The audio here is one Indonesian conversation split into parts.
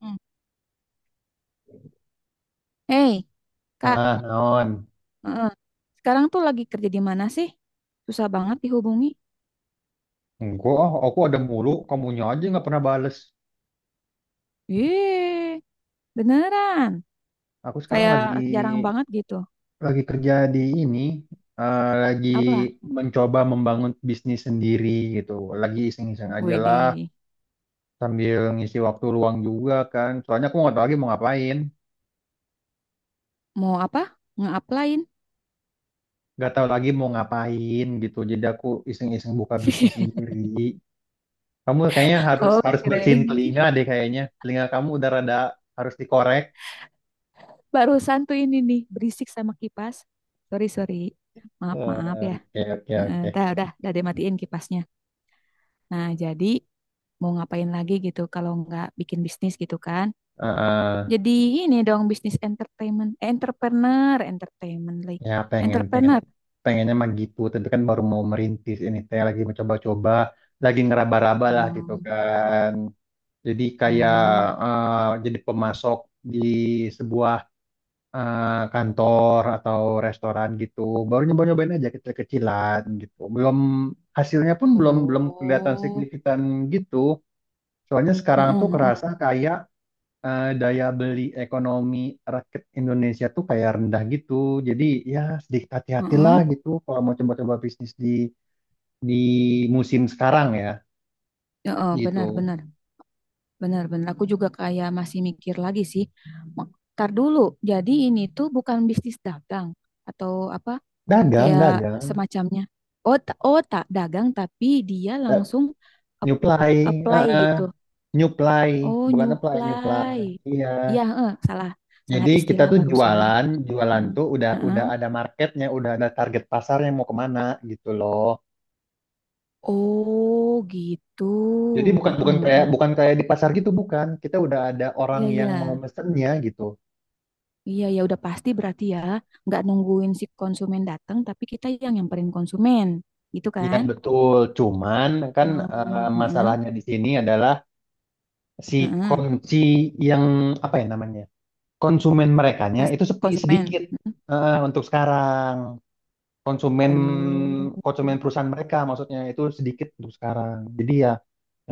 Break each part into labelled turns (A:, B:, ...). A: Hmm. Hei, Kak,
B: Ah, naon.
A: heeh. Sekarang tuh lagi kerja di mana sih? Susah banget dihubungi.
B: Enggak, aku ada mulu, kamunya aja nggak pernah bales.
A: Yeay, beneran.
B: Aku sekarang
A: Kayak
B: lagi
A: jarang banget gitu.
B: lagi kerja di ini, lagi
A: Apa?
B: mencoba membangun bisnis sendiri gitu. Lagi iseng-iseng aja lah,
A: Widih,
B: sambil ngisi waktu luang juga kan. Soalnya aku nggak tahu lagi mau ngapain,
A: mau apa? Nge-applyin?
B: nggak tahu lagi mau ngapain gitu. Jadi aku iseng-iseng buka bisnis sendiri. Kamu kayaknya harus
A: Oh,
B: harus bersihin
A: kirain.
B: telinga deh kayaknya. Telinga kamu udah rada harus dikorek.
A: Barusan tuh ini nih, berisik sama kipas. Sorry, sorry. Maaf, maaf
B: Eh,
A: ya.
B: oke, oke,
A: Heeh,
B: oke.
A: dah, udah dimatiin kipasnya. Nah, jadi mau ngapain lagi gitu kalau nggak bikin bisnis gitu kan?
B: Heeh.
A: Jadi ini dong bisnis entertainment, eh, entrepreneur, entertainment lagi.
B: Ya pengen pengen
A: Entrepreneur.
B: pengennya mah gitu, tapi kan baru mau merintis ini teh lagi mencoba-coba, lagi ngeraba-raba lah gitu
A: Hmm.
B: kan. Jadi kayak
A: Oh,
B: jadi pemasok di sebuah eh, kantor atau restoran gitu. Baru nyoba-nyobain aja kecil-kecilan gitu. Belum hasilnya pun belum belum kelihatan
A: oh.
B: signifikan gitu. Soalnya sekarang
A: Heeh,
B: tuh
A: heeh,
B: kerasa kayak daya beli ekonomi rakyat Indonesia tuh kayak rendah gitu. Jadi ya sedikit
A: heeh.
B: hati-hatilah gitu kalau mau coba-coba bisnis di musim sekarang ya
A: Heeh, benar,
B: gitu.
A: benar. Benar, benar. Aku juga kayak masih mikir lagi sih. Ntar dulu. Jadi ini tuh bukan bisnis dagang atau apa
B: Dagang,
A: kayak
B: dagang,
A: semacamnya. Oh, oh tak dagang tapi dia langsung ap-
B: nyuplai, eh,
A: apply
B: eh,
A: gitu.
B: nyuplai,
A: Oh,
B: bukan apply,
A: nyuplai.
B: nyuplai. Iya.
A: Iya, heeh, salah. Salah
B: Jadi kita
A: istilah
B: tuh
A: barusan.
B: jualan, jualan
A: Mm.
B: tuh udah
A: Heeh.
B: udah ada marketnya, udah ada target pasarnya mau kemana gitu loh.
A: Oh gitu.
B: Jadi bukan
A: Heeh,
B: bukan kayak
A: heeh.
B: bukan kayak di pasar gitu bukan. Kita udah ada orang
A: Iya,
B: yang
A: iya,
B: mau mesennya gitu.
A: iya, ya udah pasti berarti ya nggak nungguin si konsumen datang tapi kita yang nyamperin konsumen gitu
B: Iya
A: kan?
B: betul, cuman kan
A: Oh, heeh,
B: masalahnya di sini adalah si
A: heeh.
B: kunci yang apa ya namanya konsumen merekanya
A: Pas
B: itu sepi
A: konsumen.
B: sedikit
A: Heeh.
B: untuk sekarang, konsumen
A: Oh,
B: konsumen perusahaan mereka maksudnya itu sedikit untuk sekarang. Jadi ya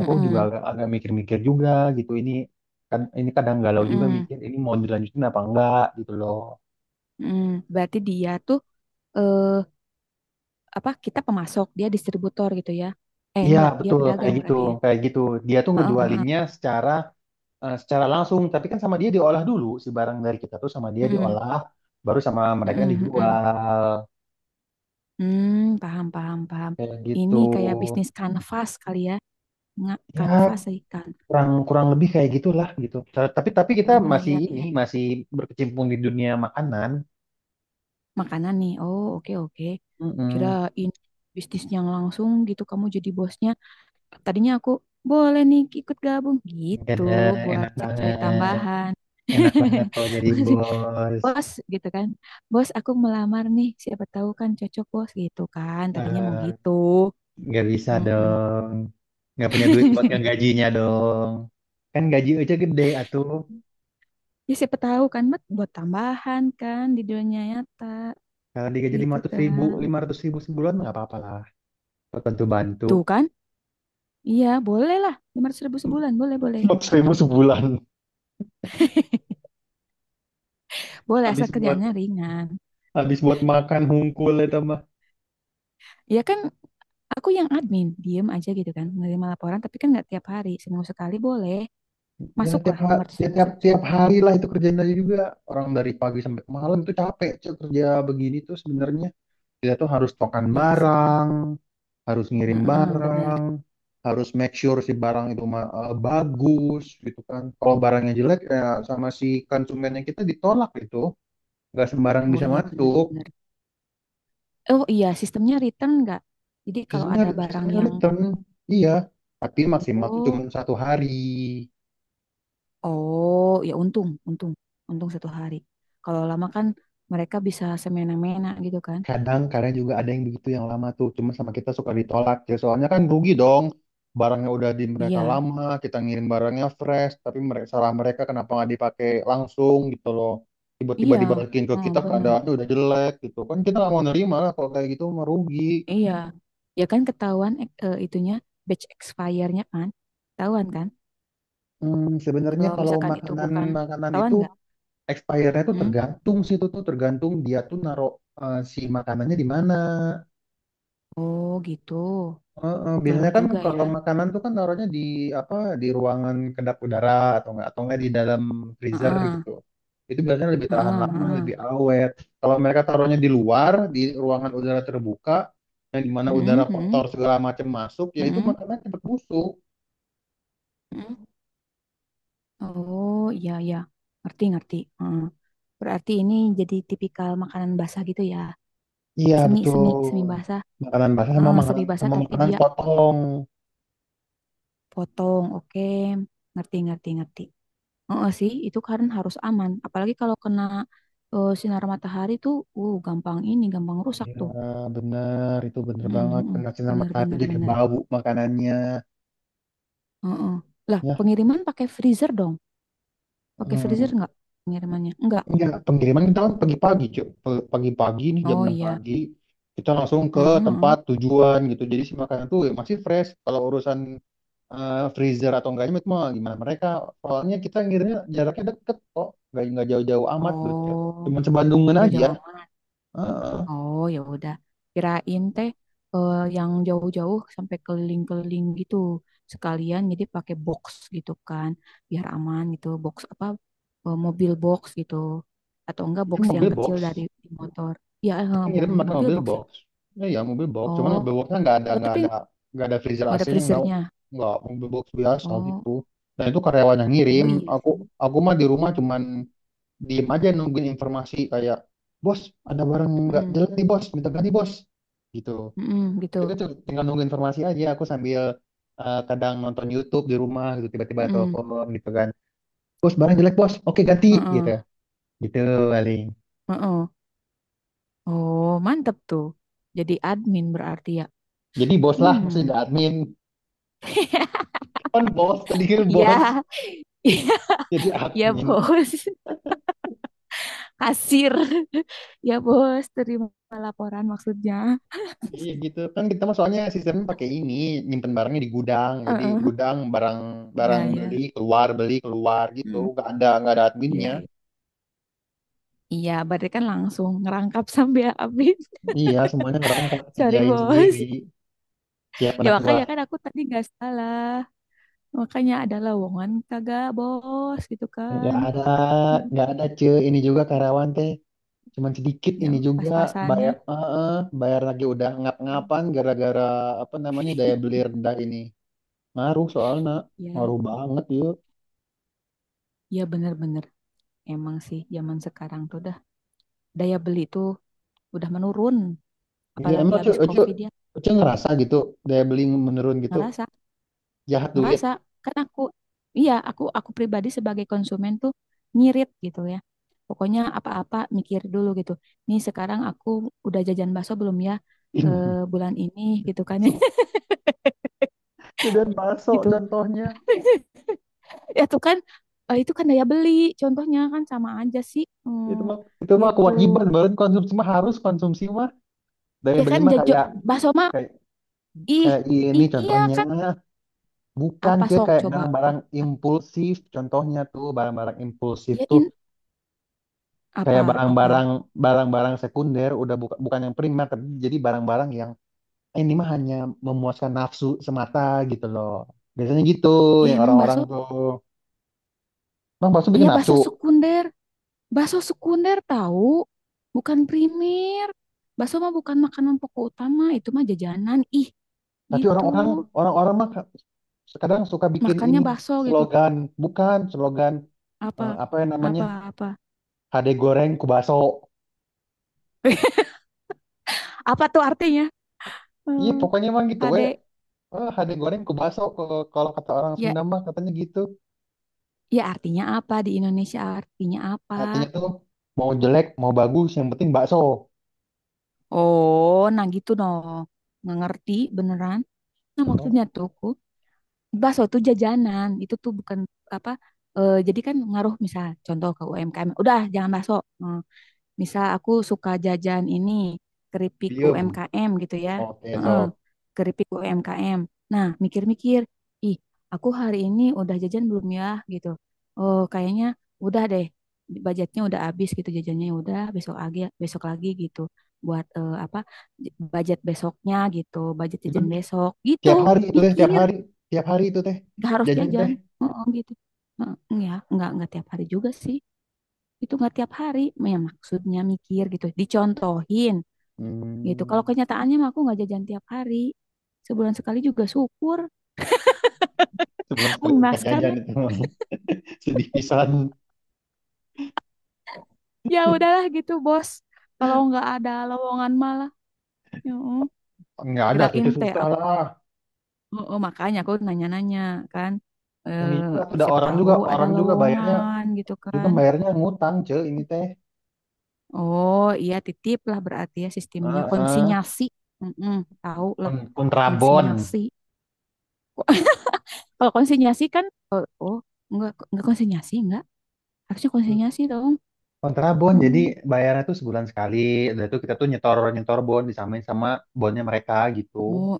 B: aku juga agak agak mikir-mikir juga gitu, ini kan ini kadang galau juga
A: heeh,
B: mikir ini mau dilanjutin apa enggak gitu loh.
A: heeh. Berarti dia tuh eh, apa? Kita pemasok dia distributor gitu ya? Eh,
B: Iya
A: enggak, dia
B: betul kayak
A: pedagang
B: gitu
A: berarti ya?
B: kayak gitu, dia tuh
A: Heeh,
B: ngejualinnya secara langsung, tapi kan sama dia diolah dulu si barang dari kita tuh sama dia
A: heeh,
B: diolah, baru sama mereka
A: heeh, heeh.
B: dijual
A: Hmm, paham, paham, paham.
B: kayak gitu.
A: Ini kayak bisnis kanvas kali ya. Nggak kanvas
B: Ya
A: sih kan.
B: kurang kurang lebih kayak gitulah gitu. Tapi kita
A: Iya,
B: masih
A: iya,
B: ini
A: iya.
B: masih berkecimpung di dunia makanan.
A: Makanan nih. Oh, oke, oke.
B: Mm-mm.
A: Kirain bisnis yang langsung gitu kamu jadi bosnya. Tadinya aku boleh nih ikut gabung
B: Gak
A: gitu
B: ada
A: buat
B: enak
A: cari-cari
B: banget,
A: tambahan.
B: enak banget kalau jadi bos.
A: Bos gitu kan. Bos, aku melamar nih, siapa tahu kan cocok bos gitu kan. Tadinya mau
B: Eh,
A: gitu.
B: nggak bisa
A: Mm-mm.
B: dong, nggak punya duit buat ngegajinya dong. Kan gaji aja gede atuh.
A: Ya siapa tahu kan Mat buat tambahan kan di dunia nyata
B: Kalau digaji lima
A: gitu
B: ratus ribu,
A: kan.
B: 500 ribu sebulan nggak apa-apa lah. Buat bantu-bantu.
A: Tuh kan? Iya, boleh lah. 500 ribu sebulan, boleh, boleh.
B: 4 ribu sebulan.
A: Boleh, asal
B: Habis buat
A: kerjaannya ringan.
B: habis buat makan hungkul itu mah.
A: Ya kan, aku yang admin, diem aja gitu kan. Menerima laporan, tapi kan nggak tiap hari. Seminggu sekali boleh.
B: Ya
A: Masuklah lima ratus
B: ya,
A: ribu
B: tiap
A: seminggu sekali.
B: tiap hari lah itu kerjain aja juga. Orang dari pagi sampai malam itu capek, Cuk, kerja begini tuh sebenarnya. Kita tuh harus tokan
A: Iya sih.
B: barang, harus ngirim
A: Heeh, bener.
B: barang, harus make sure si barang itu bagus gitu kan. Kalau barangnya jelek, ya sama si konsumennya kita ditolak itu. Nggak sembarang
A: Oh
B: bisa
A: iya, bener,
B: masuk.
A: bener. Oh iya, sistemnya return nggak? Jadi kalau
B: Seasonnya,
A: ada barang
B: seasonnya
A: yang...
B: return, iya. Tapi maksimal tuh cuma
A: Oh.
B: 1 hari.
A: Oh, ya untung, untung, untung satu hari. Kalau lama kan mereka bisa semena-mena gitu kan?
B: Kadang-kadang juga ada yang begitu yang lama tuh. Cuma sama kita suka ditolak. Ya, soalnya kan rugi dong. Barangnya udah di mereka
A: Iya,
B: lama, kita ngirim barangnya fresh. Tapi mereka, salah mereka kenapa nggak dipakai langsung gitu loh. Tiba-tiba
A: iya,
B: dibalikin ke
A: oh,
B: kita
A: bener,
B: keadaannya udah jelek gitu. Kan kita nggak mau nerima lah kalau kayak gitu, merugi.
A: iya. Ya kan ketahuan itunya batch expire-nya kan, ketahuan kan?
B: Hmm, sebenarnya
A: Kalau
B: kalau
A: misalkan itu
B: makanan
A: bukan,
B: makanan
A: ketahuan
B: itu
A: nggak?
B: expire-nya tuh
A: Hmm?
B: tergantung sih, itu tuh tergantung dia tuh naruh si makanannya di mana.
A: Oh gitu,
B: Heeh,
A: ngaruh
B: biasanya kan
A: juga ya.
B: kalau makanan tuh kan naruhnya di apa, di ruangan kedap udara atau enggak di dalam freezer
A: Heeh,
B: gitu. Itu biasanya lebih tahan
A: heeh,
B: lama,
A: heeh.
B: lebih awet. Kalau mereka taruhnya di luar, di ruangan udara terbuka, yang dimana udara
A: Hmm, hmm,
B: kotor segala macam masuk, ya itu
A: hmm,
B: makanan cepet busuk.
A: hmm. Oh iya iya, ngerti ngerti. Heeh. Berarti ini jadi tipikal makanan basah gitu ya?
B: Iya,
A: Semi semi
B: betul.
A: semi basah.
B: Makanan basah
A: Heeh, semi basah
B: sama
A: tapi
B: makanan
A: dia
B: potong.
A: potong, oke, ngerti ngerti ngerti. Heeh sih, itu harus aman, apalagi kalau kena sinar matahari tuh, gampang ini gampang rusak
B: Iya,
A: tuh.
B: benar. Itu bener
A: Mm,
B: banget.
A: mm, mm.
B: Kena sinar
A: Bener
B: matahari itu
A: bener
B: jadi
A: bener.
B: bau makanannya.
A: Heeh. Lah
B: Ya,
A: pengiriman pakai freezer dong, pakai freezer
B: em,
A: nggak pengirimannya, nggak?
B: enggak. Pengiriman kita kan pagi-pagi, Cuk. Pagi-pagi nih jam
A: Oh
B: 6
A: iya.
B: pagi, kita langsung ke
A: Heeh, heeh.
B: tempat tujuan gitu. Jadi si makanan tuh ya masih fresh. Kalau urusan freezer atau enggaknya itu mah gimana mereka. Soalnya kita ngirimnya jaraknya deket kok. Enggak jauh-jauh amat gitu, Cuk.
A: Oh
B: Cuman
A: ya
B: sebandungan aja.
A: jauh-jauh.
B: Heeh.
A: Oh ya udah, kirain teh yang jauh-jauh sampai keliling-keliling gitu sekalian, jadi pakai box gitu kan, biar aman gitu, box apa mobil box gitu, atau enggak
B: Itu
A: box yang
B: mobil box.
A: kecil dari motor? Ya
B: Kan
A: mau
B: ngirim pakai
A: mobil
B: mobil
A: box ya.
B: box. Ya, ya mobil box. Cuman
A: Oh,
B: mobil boxnya nggak ada
A: oh
B: nggak
A: tapi
B: ada nggak ada freezer
A: nggak ada
B: AC-nya, nggak
A: freezernya.
B: nggak mobil box biasa
A: Oh,
B: gitu. Dan itu karyawan yang
A: oh
B: ngirim.
A: iya
B: Aku
A: sih.
B: aku mah di rumah cuman diem aja nungguin informasi kayak, bos ada barang nggak
A: Mm,
B: jelek nih bos minta ganti bos gitu.
A: mm,
B: Jadi
A: gitu.
B: tuh tinggal nunggu informasi aja. Aku sambil kadang nonton YouTube di rumah gitu tiba-tiba
A: Mm,
B: telepon gitu kan. Bos barang jelek bos. Oke ganti gitu.
A: mm-mm.
B: Gitu paling.
A: Oh mantep tuh. Jadi admin berarti ya.
B: Jadi bos lah
A: Hmm,
B: maksudnya admin. Kan bos tadi kan bos.
A: iya.
B: Jadi
A: Ya
B: admin,
A: bos, kasir. Ya bos, terima laporan maksudnya.
B: iya gitu kan, kita mah soalnya sistemnya pakai ini, nyimpen barangnya di gudang, jadi
A: Heeh.
B: gudang barang, barang
A: Ya ya.
B: beli keluar gitu,
A: Hmm.
B: nggak ada
A: Iya
B: adminnya,
A: iya. Iya, berarti kan langsung ngerangkap sampai habis.
B: iya semuanya ngerangkap
A: Sorry
B: kerjain sendiri,
A: bos.
B: siap
A: Ya
B: anak
A: makanya
B: gua.
A: kan aku tadi gak salah. Makanya ada lowongan kagak bos gitu kan.
B: nggak ada
A: Hmm.
B: nggak ada cuy, ini juga karyawan teh cuman sedikit,
A: Ya
B: ini juga
A: pas-pasannya.
B: bayar eh, eh, bayar lagi udah ngap-ngapan gara-gara apa namanya daya beli rendah ini, ngaruh soalnya,
A: Hmm. Ya,
B: ngaruh banget ya.
A: ya bener-bener. Emang sih zaman sekarang tuh dah, daya beli tuh udah menurun.
B: Iya
A: Apalagi
B: emang
A: habis COVID ya.
B: cu ngerasa gitu, daya beli menurun gitu,
A: Ngerasa,
B: jahat
A: ngerasa
B: duit.
A: kan aku, iya aku pribadi sebagai konsumen tuh nyirit gitu ya, pokoknya apa-apa mikir dulu gitu. Nih sekarang aku udah jajan bakso belum ya, eh, bulan ini gitu kan ya.
B: Masuk. Ya, dan masuk
A: Gitu
B: contohnya,
A: ya tuh kan itu kan daya beli contohnya kan sama aja sih. Hmm,
B: itu mah
A: gitu
B: kewajiban banget, konsumsi mah harus konsumsi mah, daya
A: ya
B: beli
A: kan,
B: mah
A: jajo
B: kayak
A: bakso mah
B: kayak
A: ih
B: kayak ini
A: iya
B: contohnya,
A: kan.
B: bukan
A: Apa
B: cuy
A: sok
B: kayak
A: coba.
B: barang-barang
A: Ap-
B: impulsif, contohnya tuh barang-barang impulsif
A: ya
B: tuh
A: in,
B: kayak
A: apa apa
B: barang-barang sekunder, udah bukan bukan yang primer, tapi jadi barang-barang yang "Eh, ini mah hanya memuaskan nafsu semata" gitu loh, biasanya gitu
A: ya,
B: yang
A: emang
B: orang-orang
A: bakso.
B: tuh. Emang bakso bikin
A: Iya
B: nafsu.
A: bakso sekunder. Bakso sekunder tahu, bukan primer. Bakso mah bukan makanan pokok utama, itu mah jajanan. Ih,
B: Tapi
A: gitu.
B: orang-orang mah kadang suka bikin
A: Makannya
B: ini
A: bakso gitu.
B: slogan, bukan slogan,
A: Apa?
B: apa yang namanya,
A: Apa apa?
B: HD goreng ku baso.
A: Apa tuh artinya?
B: Iya,
A: Eh,
B: pokoknya emang gitu we.
A: HD.
B: Eh, HD goreng ku baso, kalau kalau kata orang
A: Ya,
B: Sunda mah katanya gitu.
A: ya artinya apa, di Indonesia artinya apa?
B: Artinya tuh mau jelek, mau bagus, yang penting bakso.
A: Oh, nah gitu dong. Nggak ngerti beneran. Nah, maksudnya
B: Oh,
A: tuh ku, bakso tuh jajanan. Itu tuh bukan apa jadi kan ngaruh misal contoh ke UMKM. Udah, jangan bakso. Eh, misal aku suka jajan ini keripik
B: diem.
A: UMKM gitu ya.
B: Oke,
A: Heeh,
B: so.
A: keripik UMKM. Nah, mikir-mikir, ih, aku hari ini udah jajan belum ya gitu. Oh, kayaknya udah deh. Budgetnya udah habis gitu jajannya, udah besok lagi gitu buat apa budget besoknya gitu, budget
B: Itu
A: jajan besok gitu.
B: tiap hari itu teh,
A: Mikir,
B: tiap hari itu teh
A: gak harus
B: jajan teh.
A: jajan. Heeh, gitu. Heeh, ya, nggak tiap hari juga sih, itu nggak tiap hari, ya maksudnya mikir gitu dicontohin gitu, kalau
B: Hmm,
A: kenyataannya mah aku nggak jajan tiap hari, sebulan sekali juga syukur.
B: sebulan sekali bukan
A: Mengenaskan
B: jajan
A: ya.
B: itu. Sedih pisan.
A: Ya udahlah gitu bos, kalau nggak ada lowongan malah ya
B: Nggak ada tuh,
A: kirain
B: cuy,
A: teh
B: susah
A: aku
B: lah,
A: makanya aku nanya-nanya kan eh,
B: ini juga tuh ada
A: siapa
B: orang
A: tahu
B: juga
A: ada
B: orang juga bayarnya
A: lowongan gitu
B: juga
A: kan.
B: bayarnya ngutang, cuy, ini teh.
A: Oh iya titip lah berarti ya, sistemnya
B: Heeh.
A: konsinyasi. Mm, tahu lah
B: Kon- kontrabon
A: konsinyasi kok. Kalau konsinyasi kan, oh, oh, enggak konsinyasi, enggak. Harusnya konsinyasi dong.
B: kontrabon jadi
A: Hmm.
B: bayarnya tuh sebulan sekali, udah itu kita tuh nyetor, nyetor bon disamain sama bonnya mereka gitu,
A: Oh,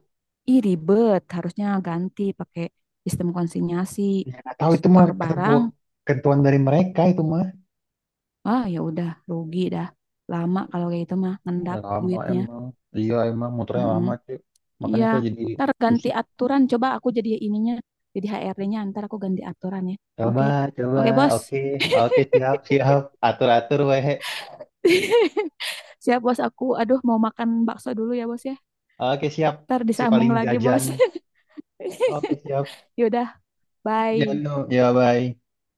A: ih ribet. Harusnya ganti pakai sistem konsinyasi.
B: ya nggak tahu itu mah
A: Store barang,
B: ketentuan ketentuan dari mereka itu mah.
A: ah ya udah rugi dah. Lama kalau kayak itu mah,
B: Ya
A: ngendap
B: lama
A: duitnya.
B: emang, iya emang motornya
A: Mm-mm.
B: lama, cuy, makanya
A: Iya,
B: saya jadi
A: ntar ganti
B: susah.
A: aturan. Coba aku jadi ininya, jadi HRD-nya, ntar aku ganti aturan ya.
B: Coba
A: Oke.
B: coba,
A: Oke bos.
B: oke oke, siap siap, atur atur weh.
A: Siap bos aku. Aduh, mau makan bakso dulu ya bos ya.
B: Oke, siap.
A: Ntar
B: Si
A: disambung
B: paling
A: lagi
B: jajan.
A: bos.
B: Oke, siap.
A: Yaudah.
B: Ya,
A: Bye.
B: no. Ya, bye.